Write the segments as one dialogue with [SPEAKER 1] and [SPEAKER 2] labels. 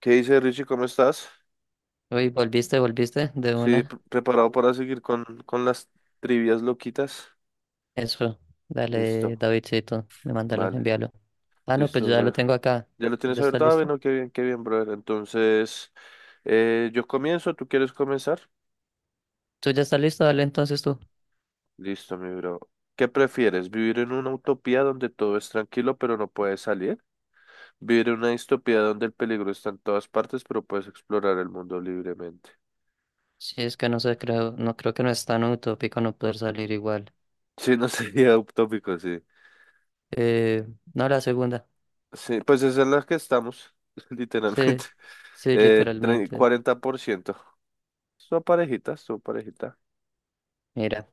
[SPEAKER 1] ¿Qué dice Richie? ¿Cómo estás?
[SPEAKER 2] Uy, volviste, volviste de
[SPEAKER 1] Sí,
[SPEAKER 2] una.
[SPEAKER 1] preparado para seguir con las trivias loquitas.
[SPEAKER 2] Eso, dale,
[SPEAKER 1] Listo,
[SPEAKER 2] Davidcito, me mándalo,
[SPEAKER 1] vale,
[SPEAKER 2] envíalo. Ah, no, pues
[SPEAKER 1] listo,
[SPEAKER 2] yo ya lo
[SPEAKER 1] brother.
[SPEAKER 2] tengo acá.
[SPEAKER 1] ¿Ya lo
[SPEAKER 2] ¿Tú
[SPEAKER 1] tienes
[SPEAKER 2] ya estás
[SPEAKER 1] abierto? Ah,
[SPEAKER 2] listo?
[SPEAKER 1] bueno, qué bien, brother. Entonces, yo comienzo, ¿tú quieres comenzar?
[SPEAKER 2] ¿Tú ya estás listo? Dale entonces tú.
[SPEAKER 1] Listo, mi bro. ¿Qué prefieres? ¿Vivir en una utopía donde todo es tranquilo pero no puedes salir? ¿Vivir en una distopía donde el peligro está en todas partes pero puedes explorar el mundo libremente?
[SPEAKER 2] Sí, es que no sé, creo, no creo que no es tan utópico no poder salir igual.
[SPEAKER 1] Sí, no sería utópico, sí.
[SPEAKER 2] Eh, no, la segunda.
[SPEAKER 1] Sí, pues esa es la que estamos, literalmente.
[SPEAKER 2] Sí, sí, literalmente.
[SPEAKER 1] 40%. Su parejita, su parejita.
[SPEAKER 2] Mira,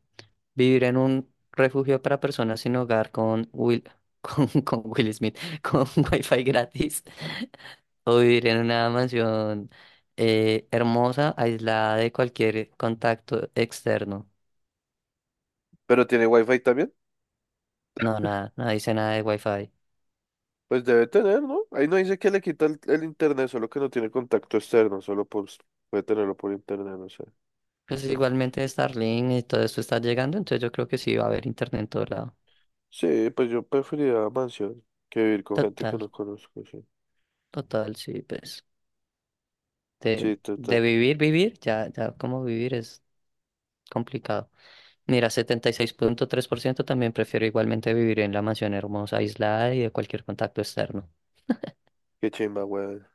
[SPEAKER 2] vivir en un refugio para personas sin hogar con Will, con Will Smith, con Wi-Fi gratis o vivir en una mansión hermosa, aislada de cualquier contacto externo.
[SPEAKER 1] ¿Pero tiene wifi también?
[SPEAKER 2] No, nada, no dice nada de Wi-Fi.
[SPEAKER 1] Pues debe tener, ¿no? Ahí no dice que le quita el internet, solo que no tiene contacto externo, solo por, puede tenerlo por internet, no sé.
[SPEAKER 2] Pues
[SPEAKER 1] Pues,
[SPEAKER 2] igualmente Starlink y todo esto está llegando, entonces yo creo que sí va a haber internet en todo lado.
[SPEAKER 1] sí, pues yo preferiría mansión que vivir con gente que
[SPEAKER 2] Total,
[SPEAKER 1] no conozco, sí.
[SPEAKER 2] total, sí, pues. De,
[SPEAKER 1] Sí,
[SPEAKER 2] de
[SPEAKER 1] total.
[SPEAKER 2] vivir, vivir, ya, ya, como vivir es complicado. Mira, 76.3% también prefiero igualmente vivir en la mansión hermosa, aislada y de cualquier contacto externo.
[SPEAKER 1] Qué chimba, weón.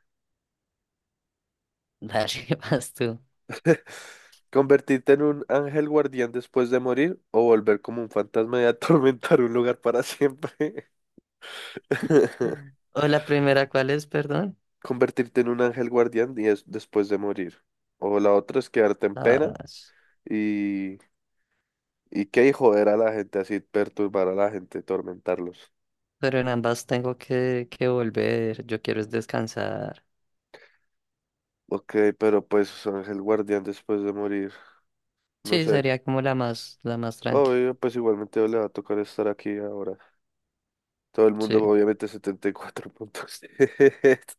[SPEAKER 2] Dale, vas tú.
[SPEAKER 1] ¿Convertirte en un ángel guardián después de morir o volver como un fantasma y atormentar un lugar para siempre?
[SPEAKER 2] O la primera, ¿cuál es? Perdón.
[SPEAKER 1] Convertirte en un ángel guardián y es después de morir. O la otra es quedarte en
[SPEAKER 2] Ah,
[SPEAKER 1] pena
[SPEAKER 2] s-
[SPEAKER 1] y, y qué y joder a la gente así, perturbar a la gente, tormentarlos.
[SPEAKER 2] pero en ambas tengo que volver. Yo quiero es descansar.
[SPEAKER 1] Ok, pero pues ángel guardián después de morir, no
[SPEAKER 2] Sí,
[SPEAKER 1] sé.
[SPEAKER 2] sería como la más tranqui.
[SPEAKER 1] Obvio, pues igualmente le va a tocar estar aquí ahora. Todo el
[SPEAKER 2] Sí,
[SPEAKER 1] mundo, obviamente, 74 puntos.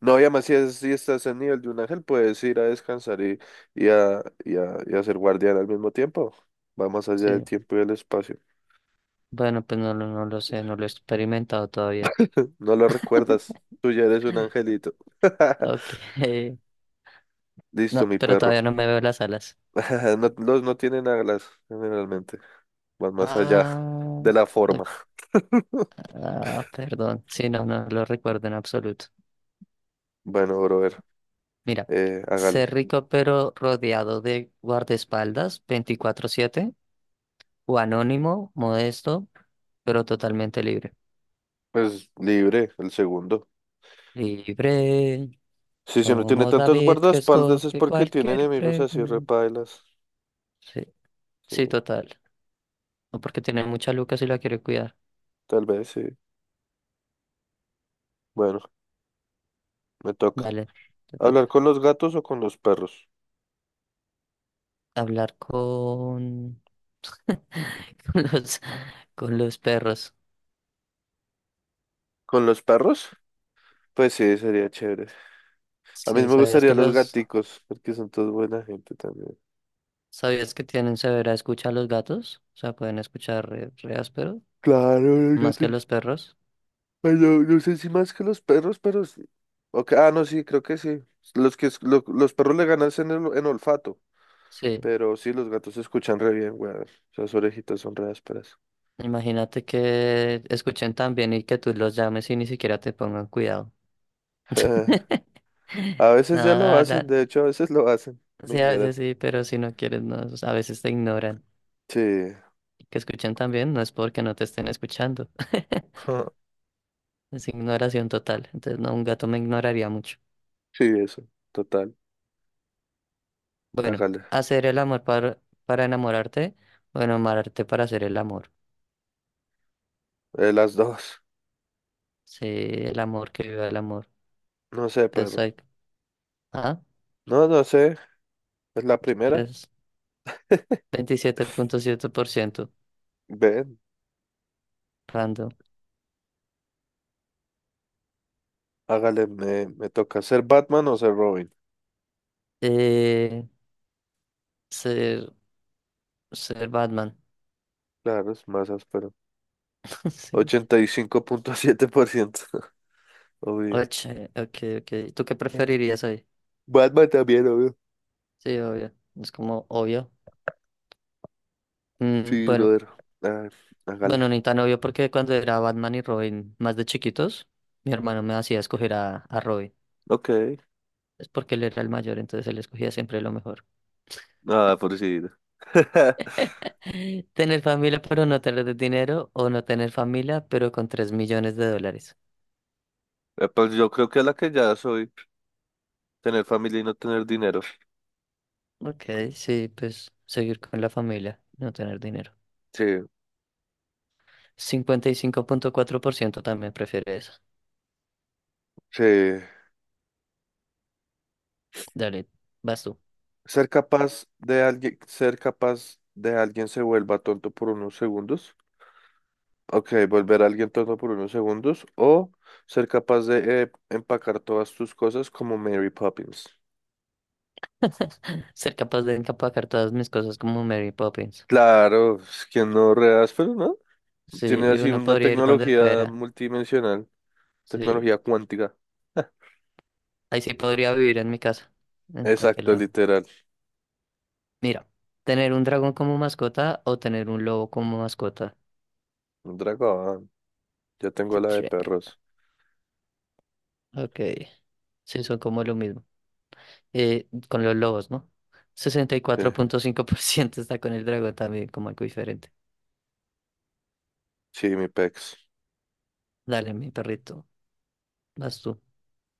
[SPEAKER 1] No, y además si estás en nivel de un ángel, puedes ir a descansar y a ser guardián al mismo tiempo. Va más allá del
[SPEAKER 2] sí.
[SPEAKER 1] tiempo y del espacio.
[SPEAKER 2] Bueno, pues no, no lo sé, no lo he experimentado todavía.
[SPEAKER 1] No lo recuerdas. Tú ya eres un angelito.
[SPEAKER 2] Ok.
[SPEAKER 1] Listo,
[SPEAKER 2] No,
[SPEAKER 1] mi
[SPEAKER 2] pero todavía
[SPEAKER 1] perro.
[SPEAKER 2] no me veo las alas.
[SPEAKER 1] No, los no tienen alas, generalmente. Van más allá
[SPEAKER 2] Ah,
[SPEAKER 1] de la
[SPEAKER 2] ok.
[SPEAKER 1] forma.
[SPEAKER 2] Ah, perdón. Sí, no, no lo recuerdo en absoluto.
[SPEAKER 1] Bueno, brother,
[SPEAKER 2] Mira,
[SPEAKER 1] hágale.
[SPEAKER 2] ser rico pero rodeado de guardaespaldas 24/7 o anónimo, modesto, pero totalmente libre.
[SPEAKER 1] Pues libre, el segundo.
[SPEAKER 2] Libre.
[SPEAKER 1] Sí, si no tiene
[SPEAKER 2] Como
[SPEAKER 1] tantos
[SPEAKER 2] David que
[SPEAKER 1] guardaespaldas es
[SPEAKER 2] escoge
[SPEAKER 1] porque tiene
[SPEAKER 2] cualquier
[SPEAKER 1] enemigos así
[SPEAKER 2] pregunta.
[SPEAKER 1] repailas.
[SPEAKER 2] Sí, sí,
[SPEAKER 1] Sí,
[SPEAKER 2] total. No porque tiene mucha luca si la quiere cuidar.
[SPEAKER 1] tal vez, sí. Bueno, me toca.
[SPEAKER 2] Dale, te
[SPEAKER 1] ¿Hablar
[SPEAKER 2] toca.
[SPEAKER 1] con los gatos o con los perros?
[SPEAKER 2] Hablar con, con los, con los, perros.
[SPEAKER 1] ¿Con los perros? Pues sí, sería chévere. A mí
[SPEAKER 2] Sí,
[SPEAKER 1] me
[SPEAKER 2] ¿sabías
[SPEAKER 1] gustaría
[SPEAKER 2] que
[SPEAKER 1] los
[SPEAKER 2] los,
[SPEAKER 1] gaticos, porque son todos buena gente también.
[SPEAKER 2] sabías que tienen severa escucha a los gatos? O sea, pueden escuchar re, re áspero,
[SPEAKER 1] Claro, los
[SPEAKER 2] más que
[SPEAKER 1] gatos.
[SPEAKER 2] los perros.
[SPEAKER 1] Ay, no, no sé si más que los perros, pero sí. Ok, ah, no, sí, creo que sí. Los que los perros le ganan en olfato,
[SPEAKER 2] Sí,
[SPEAKER 1] pero sí, los gatos se escuchan re bien, weón. Esas orejitas son re ásperas.
[SPEAKER 2] imagínate que escuchen tan bien y que tú los llames y ni siquiera te pongan cuidado.
[SPEAKER 1] A veces ya lo hacen,
[SPEAKER 2] Nada,
[SPEAKER 1] de hecho, a veces lo hacen. Me
[SPEAKER 2] sí, a
[SPEAKER 1] ignoran.
[SPEAKER 2] veces sí, pero si no quieres, no, o sea, a veces te ignoran.
[SPEAKER 1] Sí.
[SPEAKER 2] Y que escuchan también, no es porque no te estén escuchando. Es ignoración total. Entonces, no, un gato me ignoraría mucho.
[SPEAKER 1] Sí, eso. Total.
[SPEAKER 2] Bueno,
[SPEAKER 1] Hágale.
[SPEAKER 2] hacer el amor para enamorarte, o enamorarte para hacer el amor.
[SPEAKER 1] Las dos.
[SPEAKER 2] Sí, el amor, que viva el amor.
[SPEAKER 1] No sé,
[SPEAKER 2] Entonces,
[SPEAKER 1] perro.
[SPEAKER 2] hay, ah,
[SPEAKER 1] No, no sé. Es la primera.
[SPEAKER 2] pues 27.7%
[SPEAKER 1] Ven.
[SPEAKER 2] random.
[SPEAKER 1] Hágale. Me toca ser Batman o ser Robin.
[SPEAKER 2] Eh, ser, ser Batman.
[SPEAKER 1] Claro, es más áspero.
[SPEAKER 2] Sí.
[SPEAKER 1] 85,7%. Obvio.
[SPEAKER 2] Ok, ok. ¿Tú qué
[SPEAKER 1] Yeah.
[SPEAKER 2] preferirías hoy?
[SPEAKER 1] Batman también, obvio.
[SPEAKER 2] Sí, obvio. Es como obvio.
[SPEAKER 1] Sí,
[SPEAKER 2] Bueno,
[SPEAKER 1] brother. Ah, hágale.
[SPEAKER 2] bueno, ni tan obvio porque cuando era Batman y Robin más de chiquitos, mi hermano me hacía escoger a Robin.
[SPEAKER 1] Ok.
[SPEAKER 2] Es porque él era el mayor, entonces él escogía siempre lo mejor.
[SPEAKER 1] Nada, por si.
[SPEAKER 2] Tener familia pero no tener dinero o no tener familia pero con 3 millones de dólares.
[SPEAKER 1] Pues yo creo que es la que ya soy. Tener familia y no tener dinero.
[SPEAKER 2] Ok, sí, pues seguir con la familia, no tener dinero.
[SPEAKER 1] Sí,
[SPEAKER 2] 55.4% también prefiere eso.
[SPEAKER 1] sí.
[SPEAKER 2] Dale, vas tú.
[SPEAKER 1] Ser capaz de alguien, ser capaz de alguien se vuelva tonto por unos segundos. Ok, volver a alguien tonto por unos segundos. O ser capaz de empacar todas tus cosas como Mary Poppins.
[SPEAKER 2] Ser capaz de empacar todas mis cosas como Mary Poppins.
[SPEAKER 1] Claro, es que no reas, pero no.
[SPEAKER 2] Sí,
[SPEAKER 1] Tiene así
[SPEAKER 2] uno
[SPEAKER 1] una
[SPEAKER 2] podría ir donde
[SPEAKER 1] tecnología
[SPEAKER 2] fuera.
[SPEAKER 1] multidimensional,
[SPEAKER 2] Sí,
[SPEAKER 1] tecnología cuántica.
[SPEAKER 2] ahí sí podría vivir en mi casa, en cualquier
[SPEAKER 1] Exacto,
[SPEAKER 2] lado.
[SPEAKER 1] literal.
[SPEAKER 2] Mira, tener un dragón como mascota o tener un lobo como mascota.
[SPEAKER 1] Un dragón. Ya tengo la de
[SPEAKER 2] Shrek.
[SPEAKER 1] perros.
[SPEAKER 2] Ok, sí, son como lo mismo. Con los lobos, ¿no?
[SPEAKER 1] Sí,
[SPEAKER 2] 64.5% está con el dragón también, como algo diferente.
[SPEAKER 1] sí, mi pex.
[SPEAKER 2] Dale, mi perrito, vas tú.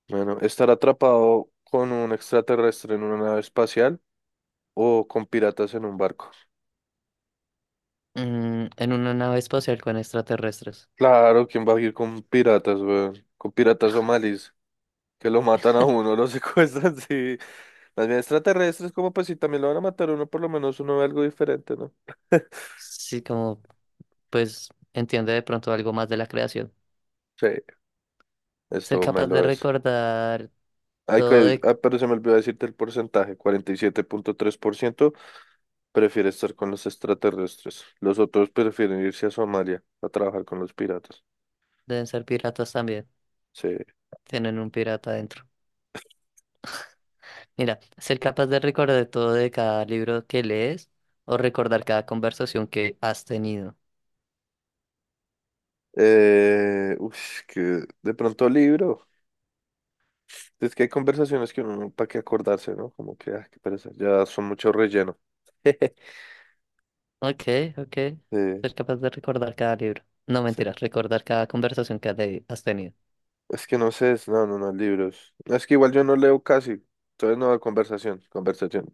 [SPEAKER 1] Bueno, estar atrapado con un extraterrestre en una nave espacial o con piratas en un barco.
[SPEAKER 2] En una nave espacial con extraterrestres.
[SPEAKER 1] Claro, ¿quién va a ir con piratas, weón? Con piratas somalíes, que lo matan a uno, lo secuestran, sí. Más bien extraterrestres, como pues si también lo van a matar a uno, por lo menos uno ve algo diferente, ¿no?
[SPEAKER 2] Sí, como, pues, entiende de pronto algo más de la creación.
[SPEAKER 1] Sí,
[SPEAKER 2] Ser
[SPEAKER 1] esto me
[SPEAKER 2] capaz de
[SPEAKER 1] lo es.
[SPEAKER 2] recordar
[SPEAKER 1] Ay,
[SPEAKER 2] Todo de-
[SPEAKER 1] ah, pero se me olvidó decirte el porcentaje. 47,3% prefiere estar con los extraterrestres. Los otros prefieren irse a Somalia a trabajar con los piratas.
[SPEAKER 2] Deben ser piratas también.
[SPEAKER 1] Sí.
[SPEAKER 2] Tienen un pirata adentro. Mira, ser capaz de recordar todo de cada libro que lees o recordar cada conversación que has tenido.
[SPEAKER 1] Uff, que de pronto libro. Es que hay conversaciones que uno, para qué acordarse, ¿no? Como que, ah, qué pereza, ya son mucho relleno.
[SPEAKER 2] Ok, ok.
[SPEAKER 1] Sí,
[SPEAKER 2] Ser capaz de recordar cada libro. No,
[SPEAKER 1] sí.
[SPEAKER 2] mentiras, recordar cada conversación que has tenido.
[SPEAKER 1] Es que no sé, no, no, no, libros. Es que igual yo no leo casi. Entonces no, conversación, conversación.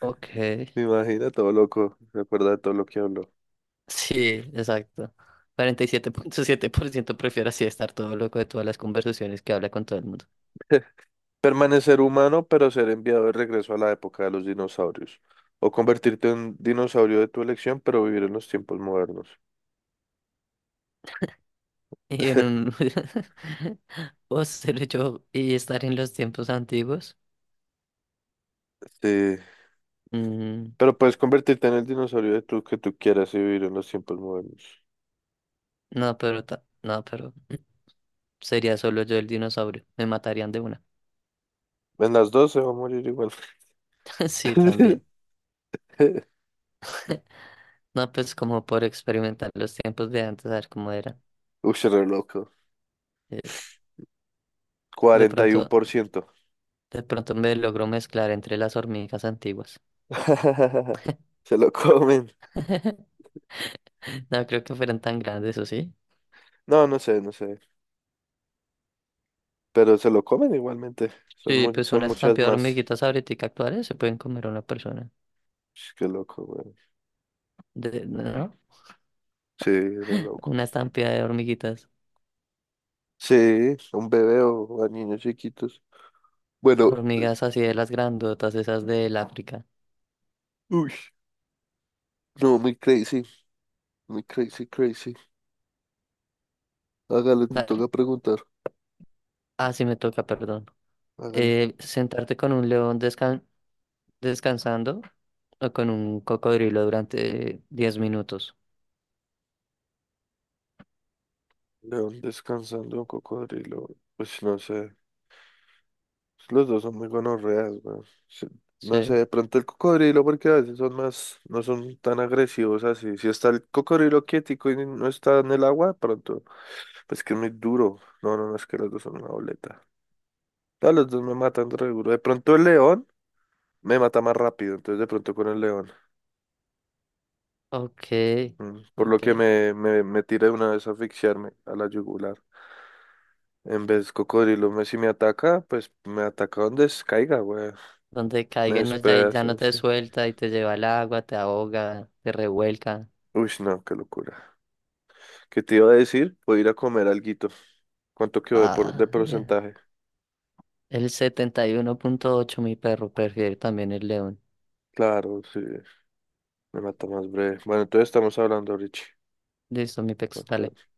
[SPEAKER 2] Ok.
[SPEAKER 1] Me imagina todo loco, recuerda de todo lo que habló.
[SPEAKER 2] Sí, exacto. 47.7% prefiere así estar todo loco de todas las conversaciones que habla con todo el mundo.
[SPEAKER 1] Permanecer humano, pero ser enviado de regreso a la época de los dinosaurios. O convertirte en un dinosaurio de tu elección, pero vivir en los tiempos modernos.
[SPEAKER 2] Y en un. ¿O ser yo y estar en los tiempos antiguos?
[SPEAKER 1] Sí.
[SPEAKER 2] Mm,
[SPEAKER 1] Pero puedes convertirte en el dinosaurio de tu, que tú quieras y vivir en los tiempos modernos.
[SPEAKER 2] no, pero sería solo yo el dinosaurio. Me matarían de una.
[SPEAKER 1] En las dos se va a morir igual.
[SPEAKER 2] Sí, también. No, pues como por experimentar los tiempos de antes, a ver cómo eran.
[SPEAKER 1] Uy, se re loco.
[SPEAKER 2] Eh, de
[SPEAKER 1] cuarenta y uno
[SPEAKER 2] pronto,
[SPEAKER 1] por ciento
[SPEAKER 2] de pronto me logro mezclar entre las hormigas antiguas.
[SPEAKER 1] Se lo comen.
[SPEAKER 2] No creo que fueran tan grandes, ¿o sí?
[SPEAKER 1] No, no sé, no sé. Pero se lo comen igualmente.
[SPEAKER 2] Sí, pues
[SPEAKER 1] Son
[SPEAKER 2] una
[SPEAKER 1] muchas
[SPEAKER 2] estampida de
[SPEAKER 1] más.
[SPEAKER 2] hormiguitas ahorita actuales se pueden comer a una persona.
[SPEAKER 1] Sh, qué loco, güey.
[SPEAKER 2] ¿No?
[SPEAKER 1] Sí, re loco.
[SPEAKER 2] Una estampida de hormiguitas.
[SPEAKER 1] Sí, un bebé o a niños chiquitos. Bueno,
[SPEAKER 2] Hormigas así de las grandotas, esas del África.
[SPEAKER 1] uy, no, muy crazy, crazy. Hágale, te
[SPEAKER 2] Dale.
[SPEAKER 1] toca preguntar.
[SPEAKER 2] Ah, sí me toca, perdón.
[SPEAKER 1] Hágala.
[SPEAKER 2] Sentarte con un león descansando o con un cocodrilo durante 10 minutos.
[SPEAKER 1] León descansando, un cocodrilo. Pues no sé. Los dos son muy gonorreas, weón. Sí, no sé,
[SPEAKER 2] Sí.
[SPEAKER 1] de pronto el cocodrilo, porque a veces son más, no son tan agresivos así. Si está el cocodrilo quietico y no está en el agua, de pronto, pues que es muy duro. No, no, no, es que los dos son una boleta. No, los dos me matan re duro. De pronto el león, me mata más rápido, entonces de pronto con el león.
[SPEAKER 2] Ok,
[SPEAKER 1] Por lo
[SPEAKER 2] ok.
[SPEAKER 1] que me tira de una vez a asfixiarme a la yugular. En vez cocodrilo, si me ataca, pues me ataca donde caiga, güey.
[SPEAKER 2] Donde
[SPEAKER 1] Me
[SPEAKER 2] caiga no, ya, ya
[SPEAKER 1] despedaza,
[SPEAKER 2] no te
[SPEAKER 1] sí.
[SPEAKER 2] suelta y te lleva al agua, te ahoga, te revuelca.
[SPEAKER 1] Uy, no, qué locura. ¿Qué te iba a decir? Voy a ir a comer alguito. ¿Cuánto quedó de
[SPEAKER 2] Ah, bien.
[SPEAKER 1] porcentaje?
[SPEAKER 2] El 71.8, mi perro, prefiere también el león.
[SPEAKER 1] Claro, sí, me mata más breve. Bueno, entonces estamos hablando, Richie.
[SPEAKER 2] Listo, mi pex, dale.
[SPEAKER 1] Entonces-